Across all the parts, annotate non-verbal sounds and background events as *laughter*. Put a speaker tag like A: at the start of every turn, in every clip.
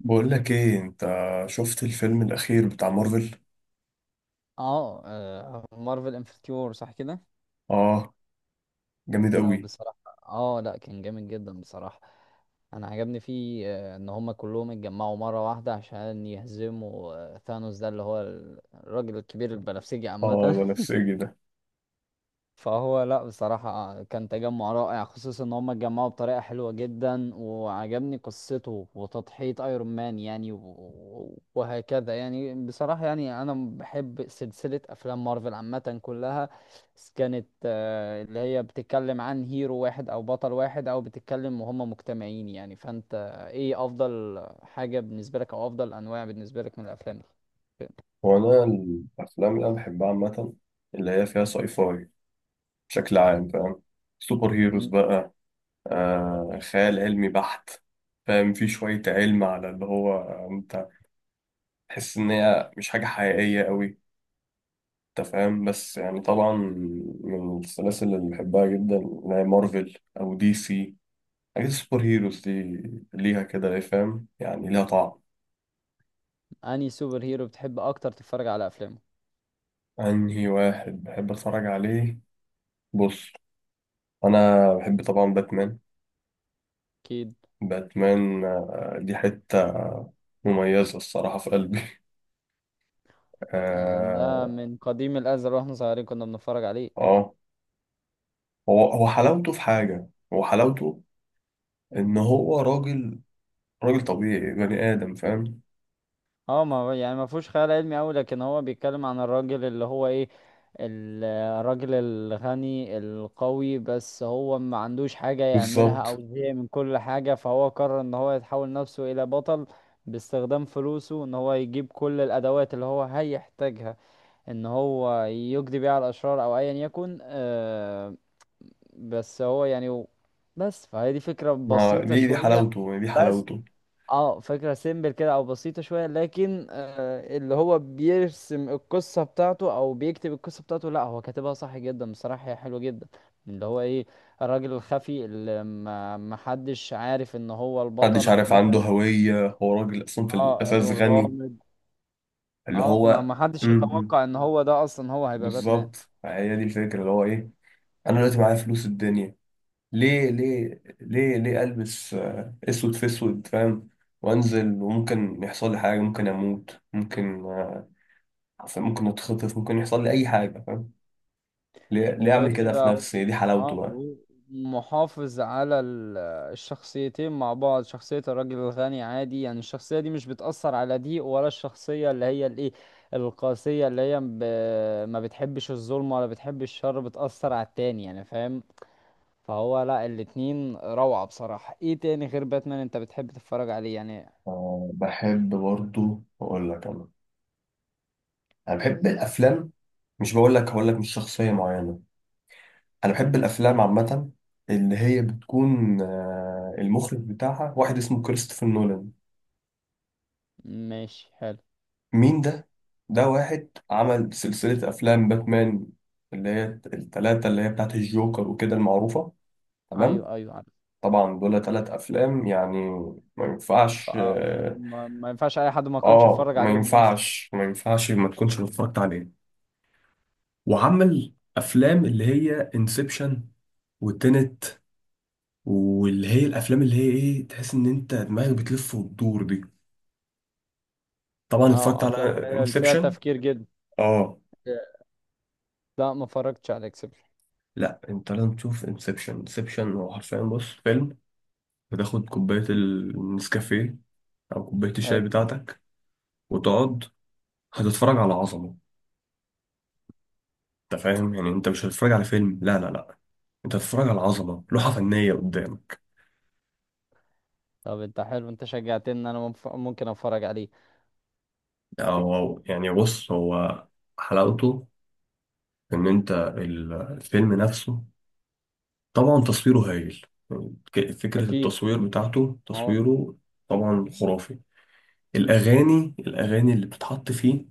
A: بقول لك ايه انت؟ شفت الفيلم الاخير بتاع مارفل.
B: اه، مارفل انفنتيور صح كده؟
A: اه، جامد
B: انه
A: قوي.
B: بصراحة. اه، لا كان جامد جدا بصراحة. انا عجبني فيه ان هما كلهم اتجمعوا مرة واحدة عشان يهزموا ثانوس ده اللي هو الراجل الكبير البنفسجي
A: اه،
B: عامة.
A: بنفسجي ده.
B: فهو لا بصراحة، كان تجمع رائع خصوصا ان هم اتجمعوا بطريقة حلوة جدا، وعجبني قصته وتضحية ايرون مان يعني وهكذا يعني، بصراحة يعني انا بحب سلسلة افلام مارفل عامة كلها. بس كانت اللي هي بتتكلم عن هيرو واحد او بطل واحد، او بتتكلم وهم مجتمعين يعني. فانت ايه افضل حاجة بالنسبة لك او افضل انواع بالنسبة لك من الافلام دي؟
A: وانا الافلام اللي انا بحبها عامه اللي هي فيها ساي فاي بشكل عام، فاهم؟ سوبر هيروز
B: مم.
A: بقى، خيال علمي بحت. فاهم، في شويه علم على اللي هو انت تحس ان هي مش حاجه حقيقيه قوي. انت فاهم، بس يعني طبعا من السلاسل اللي بحبها جدا اللي هي مارفل او دي سي. حاجات السوبر هيروز دي ليها كده ايه، فاهم؟ يعني ليها طعم.
B: انهي سوبر هيرو بتحب اكتر تتفرج على افلامه؟
A: انهي واحد بحب اتفرج عليه؟ بص، انا بحب طبعا باتمان.
B: اكيد.
A: باتمان، دي حتة مميزة الصراحة في قلبي *laughs*
B: ده
A: اه،
B: من قديم الازل واحنا صغيرين كنا بنتفرج عليه.
A: آه. هو حلاوته في حاجة، هو حلاوته ان هو راجل، راجل طبيعي بني ادم، فاهم؟
B: اه، ما هو يعني ما فيهوش خيال علمي قوي، لكن هو بيتكلم عن الراجل اللي هو ايه، ال- الراجل الغني القوي، بس هو ما عندوش حاجة يعملها
A: بالظبط.
B: او زهق من كل حاجة، فهو قرر ان هو يتحول نفسه الى بطل باستخدام فلوسه، ان هو يجيب كل الادوات اللي هو هيحتاجها ان هو يقضي بيها على الاشرار او ايا يكن. بس هو يعني بس فهي دي فكرة
A: ما
B: بسيطة
A: دي دي
B: شوية.
A: حلاوته، دي
B: بس
A: حلاوته.
B: اه فكرة سيمبل كده او بسيطة شوية، لكن اللي هو بيرسم القصة بتاعته او بيكتب القصة بتاعته، لا هو كاتبها صح جدا بصراحة، هي حلوة جدا. اللي هو ايه، الراجل الخفي اللي ما حدش عارف ان هو
A: محدش
B: البطل
A: عارف
B: عامة.
A: عنده هوية، هو راجل اصلا في
B: اه،
A: الاساس غني
B: الغامض.
A: اللي
B: اه، ما
A: هو.
B: ما حدش يتوقع ان هو ده اصلا هو هيبقى باتمان.
A: بالظبط، هي دي الفكرة اللي هو ايه. انا دلوقتي معايا فلوس الدنيا، ليه البس اسود في اسود، فاهم؟ وانزل وممكن يحصل لي حاجة، ممكن اموت، ممكن ممكن اتخطف، ممكن يحصل لي اي حاجة، فاهم؟ ليه اعمل
B: وغير
A: كده في
B: كده
A: نفسي؟ دي حلاوته بقى.
B: هو محافظ على الشخصيتين مع بعض، شخصية الراجل الغني عادي يعني، الشخصية دي مش بتأثر على دي، ولا الشخصية اللي هي الايه، القاسية اللي هي ما بتحبش الظلم ولا بتحب الشر، بتأثر على التاني يعني، فاهم؟ فهو لا، الاتنين روعة بصراحة. ايه تاني غير باتمان انت بتحب تتفرج عليه يعني؟
A: بحب برضو اقول لك. انا انا بحب الافلام، مش بقول لك هقول لك مش شخصية معينة، انا بحب الافلام عامة اللي هي بتكون المخرج بتاعها واحد اسمه كريستوفر نولان.
B: ماشي، حلو.
A: مين ده؟ ده واحد عمل سلسلة أفلام باتمان اللي هي التلاتة اللي هي بتاعت الجوكر وكده المعروفة، تمام؟
B: ايوه، ايوه، عارف.
A: طبعا دول تلات أفلام يعني، ما ينفعش آه.
B: ما ينفعش اي حد ما يكونش يتفرج
A: ما
B: عليهم اصلا.
A: ينفعش، ما ينفعش ما تكونش اتفرجت عليه. وعمل أفلام اللي هي انسبشن وتنت، واللي هي الأفلام اللي هي إيه، تحس إن أنت دماغك بتلف وتدور دي. طبعا اتفرجت
B: اه،
A: على
B: افلام اللي هي اللي فيها
A: انسبشن.
B: تفكير جدا.
A: آه،
B: لا، ما اتفرجتش على اكسبل.
A: لا انت لازم تشوف انسبشن. انسبشن هو حرفيا، بص، فيلم بتاخد كوباية النسكافيه أو كوباية الشاي
B: حلو.
A: بتاعتك وتقعد، هتتفرج على عظمة. أنت فاهم يعني؟ أنت مش هتتفرج على فيلم، لا، أنت هتتفرج على عظمة، لوحة فنية قدامك.
B: طب انت، حلو، انت شجعتني ان انا ممكن اتفرج عليه.
A: يعني بص، هو حلاوته إن أنت الفيلم نفسه، طبعا تصويره هايل. يعني فكرة
B: اكيد،
A: التصوير بتاعته،
B: ما هو
A: تصويره طبعا خرافي. الأغاني، الأغاني اللي بتتحط فيه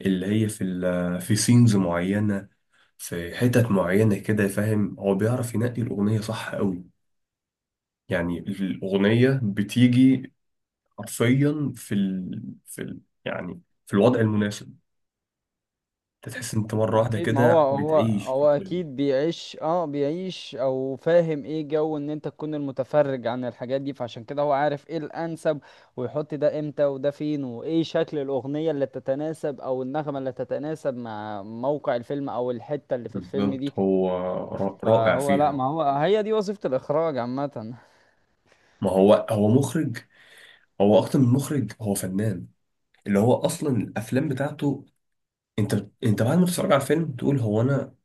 A: اللي هي في في سينز معينة، في حتت معينة كده، فاهم؟ هو بيعرف ينقي الأغنية صح قوي. يعني الأغنية بتيجي حرفيا في يعني في الوضع المناسب، انت تحس إن انت مرة واحدة
B: اكيد، ما هو
A: كده
B: هو
A: بتعيش في
B: هو
A: الفيلم.
B: اكيد بيعيش، بيعيش او فاهم ايه جو ان انت تكون المتفرج عن الحاجات دي، فعشان كده هو عارف ايه الانسب، ويحط ده امتى وده فين وايه شكل الاغنية اللي تتناسب او النغمة اللي تتناسب مع موقع الفيلم او الحتة اللي في الفيلم دي.
A: بالظبط. هو رائع
B: فهو لا،
A: فيها.
B: ما هو هي دي وظيفة الاخراج عامة.
A: ما هو هو مخرج، هو أكتر من مخرج، هو فنان. اللي هو أصلا الأفلام بتاعته، انت بعد ما تتفرج على الفيلم تقول هو أنا،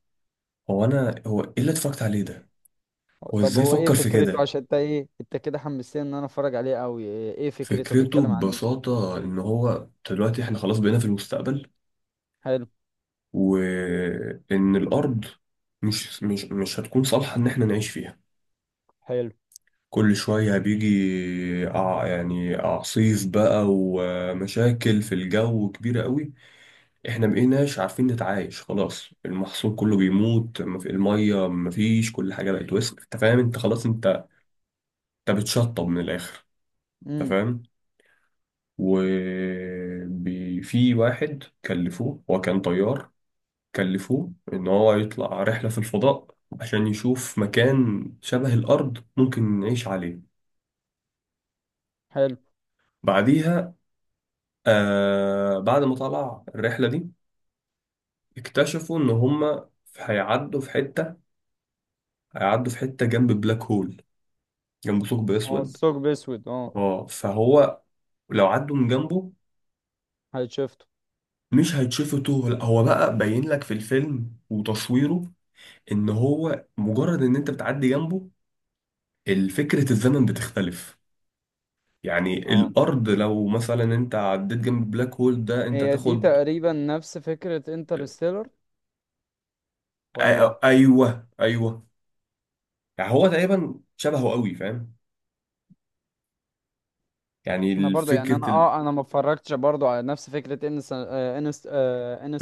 A: هو أنا، هو إيه اللي اتفرجت عليه ده، هو
B: طب
A: إزاي
B: هو ايه
A: فكر في
B: فكرته؟
A: كده.
B: عشان انت ايه، انت كده حمستني ان انا اتفرج عليه قوي. إيه فكرته؟
A: فكرته
B: بيتكلم عن ايه؟
A: ببساطة إن هو دلوقتي إحنا خلاص بقينا في المستقبل،
B: حلو.
A: وإن الأرض مش هتكون صالحة إن إحنا نعيش فيها.
B: حلو.
A: كل شوية بيجي يعني أعصيف بقى ومشاكل في الجو كبيرة قوي، إحنا مبقيناش عارفين نتعايش، خلاص المحصول كله بيموت، المية مفيش، كل حاجة بقت وسخ. أنت فاهم؟ أنت خلاص، أنت أنت بتشطب من الآخر، أنت
B: امم.
A: فاهم؟ وفي واحد كلفوه، هو كان طيار، كلفوه إن هو يطلع رحلة في الفضاء عشان يشوف مكان شبه الأرض ممكن نعيش عليه.
B: حلو.
A: بعديها، آه، بعد ما طلع الرحلة دي اكتشفوا إن هما هيعدوا في حتة، هيعدوا في حتة جنب بلاك هول، جنب ثقب
B: اه،
A: أسود.
B: الثقب اسود، اه.
A: اه، فهو لو عدوا من جنبه
B: هاي شفته.
A: مش هيتشفتوا، لا، هو بقى باين لك في الفيلم وتصويره إن هو مجرد إن أنت بتعدي جنبه الفكرة الزمن بتختلف. يعني
B: اه،
A: الارض لو مثلا انت عديت جنب البلاك هول ده انت
B: هي دي
A: تاخد.
B: تقريبا نفس فكرة انترستيلر، ولا؟
A: ايوه ايوه، يعني هو تقريبا شبهه قوي، فاهم؟
B: انا
A: يعني
B: برضو يعني،
A: فكره
B: انا ما اتفرجتش برضو على نفس فكره ان انست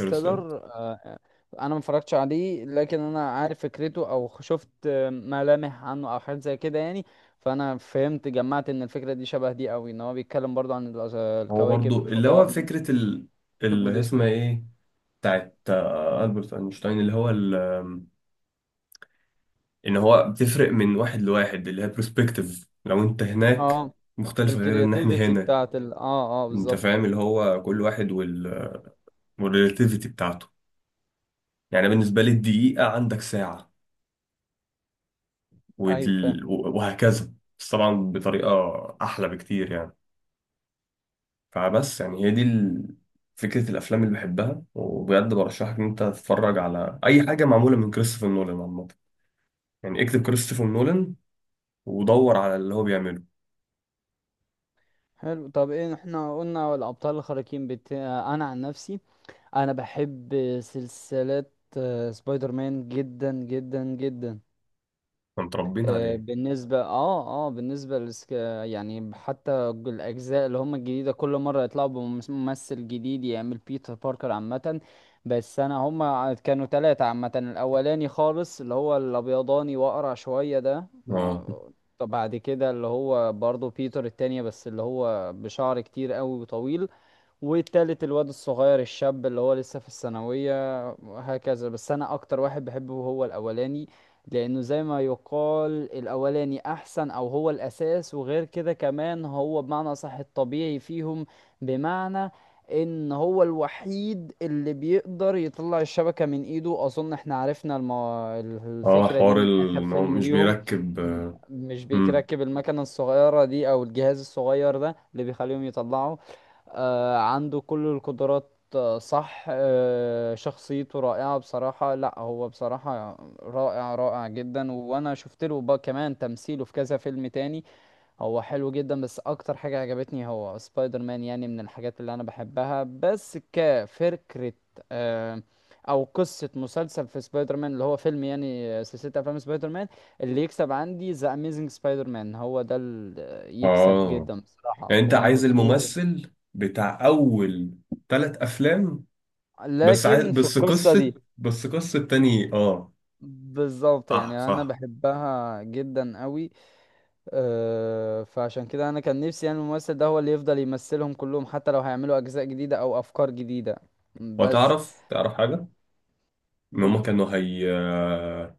A: الترسل
B: انا ما اتفرجتش عليه، لكن انا عارف فكرته او شفت ملامح عنه او حاجات زي كده يعني. فانا فهمت جمعت ان الفكره دي شبه دي قوي، ان هو بيتكلم برضو عن
A: هو
B: الكواكب
A: برضو اللي هو
B: الفضاء،
A: فكره
B: الثقب
A: اللي هي اسمها
B: الاسود.
A: ايه، بتاعت البرت اينشتاين اللي هو ال... آم، ان هو بتفرق من واحد لواحد اللي هي برسبكتيف، لو انت هناك
B: اه،
A: مختلفه غير ان احنا
B: الكرياتيفيتي
A: هنا.
B: بتاعت
A: انت
B: بالظبط.
A: فاهم اللي هو كل واحد والريلاتيفيتي بتاعته. يعني بالنسبه لي الدقيقه عندك ساعه
B: ايوه، فاهم.
A: وهكذا، بس طبعا بطريقة أحلى بكتير يعني. فبس يعني هي دي فكرة الأفلام اللي بحبها، وبجد برشحك إن أنت تتفرج على أي حاجة معمولة من كريستوفر نولان عامة. يعني اكتب كريستوفر نولان ودور على اللي هو بيعمله.
B: حلو. طب ايه احنا قلنا الابطال الخارقين، بت... آه، انا عن نفسي انا بحب سلسلة سبايدر مان جدا جدا جدا.
A: احنا متربيين عليه.
B: بالنسبة بالنسبة يعني حتى الاجزاء اللي هم الجديدة كل مرة يطلعوا بممثل جديد يعمل بيتر باركر عامة. بس انا، هم كانوا ثلاثة عامة، الاولاني خالص اللي هو الابيضاني واقرع شوية ده
A: اه،
B: طب بعد كده اللي هو برضه بيتر التانية، بس اللي هو بشعر كتير قوي وطويل، والتالت الواد الصغير الشاب اللي هو لسه في الثانوية، وهكذا. بس أنا أكتر واحد بحبه هو الأولاني، لأنه زي ما يقال الأولاني أحسن أو هو الأساس، وغير كده كمان هو بمعنى صح الطبيعي فيهم، بمعنى إن هو الوحيد اللي بيقدر يطلع الشبكة من إيده. أظن إحنا عرفنا
A: اه،
B: الفكرة دي
A: حوار
B: من آخر
A: إن هو
B: فيلم
A: مش
B: ليهم.
A: بيركب.
B: م- مش
A: امم،
B: بيركب المكنة الصغيرة دي أو الجهاز الصغير ده اللي بيخليهم يطلعوا. عنده كل القدرات، صح، شخصيته رائعة بصراحة، لا هو بصراحة رائع، رائع جدا، وانا شفت له بقى كمان تمثيله في كذا فيلم تاني. هو حلو جدا، بس اكتر حاجة عجبتني هو سبايدر مان، يعني من الحاجات اللي انا بحبها بس كفكرة. آه، او قصة مسلسل في سبايدر مان اللي هو فيلم يعني، سلسلة افلام سبايدر مان، اللي يكسب عندي ذا اميزنج سبايدر مان، هو ده اللي يكسب
A: اه،
B: جدا بصراحة،
A: يعني أنت
B: 1 و
A: عايز
B: 2.
A: الممثل بتاع أول ثلاث أفلام بس، عايز
B: لكن في
A: بس
B: القصة دي،
A: قصة، بس قصة تاني، اه.
B: بالظبط،
A: صح
B: يعني انا
A: صح.
B: بحبها جدا قوي. فعشان كده انا كان نفسي يعني الممثل ده هو اللي يفضل يمثلهم كلهم، حتى لو هيعملوا اجزاء جديدة او افكار جديدة. بس
A: وتعرف، تعرف حاجة؟ إن
B: و-
A: هما كانوا هي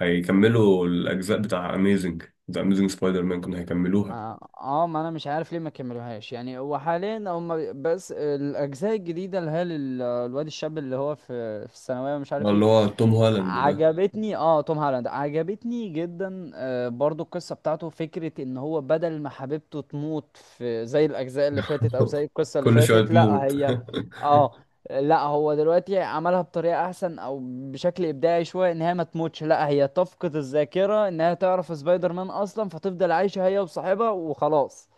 A: هيكملوا الأجزاء بتاع أميزنج، ذا أميزنج سبايدر مان كانوا هيكملوها.
B: اه، ما انا مش عارف ليه ما كملوهاش، يعني هو حاليا هم بس الاجزاء الجديدة اللي هي الواد الشاب اللي هو في الثانوية، ومش عارف ايه.
A: اللي هو توم هولاند ده.
B: عجبتني، توم هالاند عجبتني جدا، برضو القصة بتاعته فكرة ان هو بدل ما حبيبته تموت في زي الاجزاء اللي فاتت او زي
A: *laughs*
B: القصة اللي
A: كل شوية
B: فاتت، لا
A: تموت.
B: هي. اه، لا هو دلوقتي عملها بطريقة احسن او بشكل ابداعي شوية، ان هي ما تموتش، لا هي تفقد الذاكرة انها تعرف سبايدر مان اصلا، فتفضل عايشة هي وصاحبها وخلاص.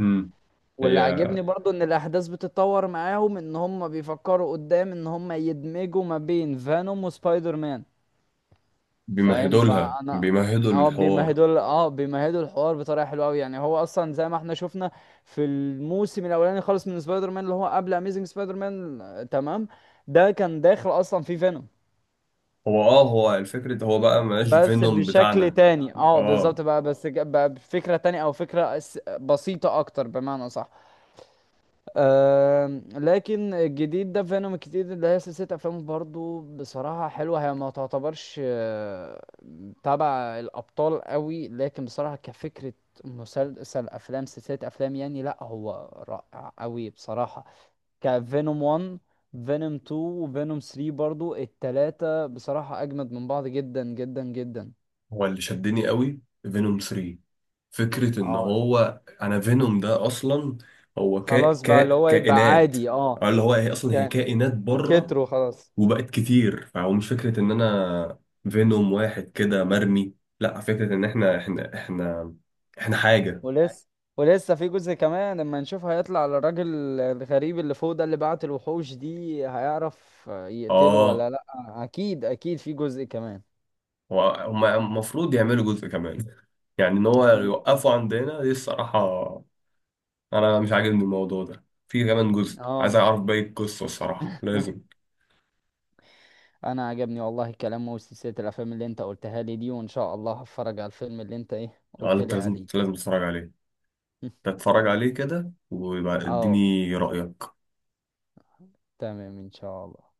A: *laughs* أمم.
B: واللي
A: هي
B: عاجبني برضو ان الاحداث بتتطور معاهم، ان هم بيفكروا قدام ان هم يدمجوا ما بين فانوم وسبايدر مان، فاهم؟
A: بيمهدوا لها،
B: فانا،
A: بيمهدوا
B: اه،
A: الحوار.
B: بيمهدوا الحوار بطريقه حلوه قوي، يعني هو اصلا زي ما احنا شفنا في الموسم الاولاني خالص من سبايدر مان، اللي هو قبل اميزنج سبايدر مان، تمام، ده كان داخل اصلا في فينوم،
A: هو اه، هو الفكرة هو بقى مبقاش
B: بس
A: فينوم
B: بشكل
A: بتاعنا.
B: تاني. اه بالظبط
A: اه،
B: بقى، بس بقى بفكره تانية او فكره بسيطه اكتر بمعنى صح. لكن الجديد ده فينوم الجديد اللي هي سلسلة أفلام برضو بصراحة حلوة، هي ما تعتبرش تبع الأبطال قوي، لكن بصراحة كفكرة مسلسل أفلام، سلسلة أفلام يعني، لأ هو رائع قوي بصراحة. كفينوم 1، فينوم 2 وفينوم 3 برضو، التلاتة بصراحة أجمد من بعض جدا جدا جدا.
A: هو اللي شدني قوي فينوم 3، فكرة ان
B: اه،
A: هو انا فينوم ده اصلا هو كا
B: خلاص بقى
A: كا
B: اللي هو يبقى
A: كائنات،
B: عادي، اه.
A: أو اللي هو هي اصلا هي
B: كان
A: كائنات بره
B: كتروا خلاص.
A: وبقت كتير. فهو مش فكرة إن أنا فينوم واحد كده مرمي، لا، فكرة إن إحنا إحنا حاجة.
B: ولسه ولسه في جزء كمان لما نشوف هيطلع على الراجل الغريب اللي فوق ده اللي بعت الوحوش دي، هيعرف يقتله
A: آه،
B: ولا لا. اكيد، اكيد في جزء كمان.
A: هما المفروض يعملوا جزء كمان. يعني إن هو
B: اكيد،
A: يوقفوا عندنا دي الصراحة؟ أنا مش عاجبني الموضوع ده، في كمان جزء، عايز
B: اه.
A: أعرف باقي القصة الصراحة، لازم.
B: *laughs* انا عجبني والله الكلام وسلسلة الافلام اللي انت قلتها لي دي، وان شاء الله هتفرج على الفيلم اللي انت ايه
A: أنا
B: قلت
A: أنت
B: لي
A: لازم
B: عليه.
A: لازم تتفرج عليه.
B: *laughs*
A: تتفرج عليه كده ويبقى
B: اه،
A: اديني رأيك.
B: تمام، ان شاء الله.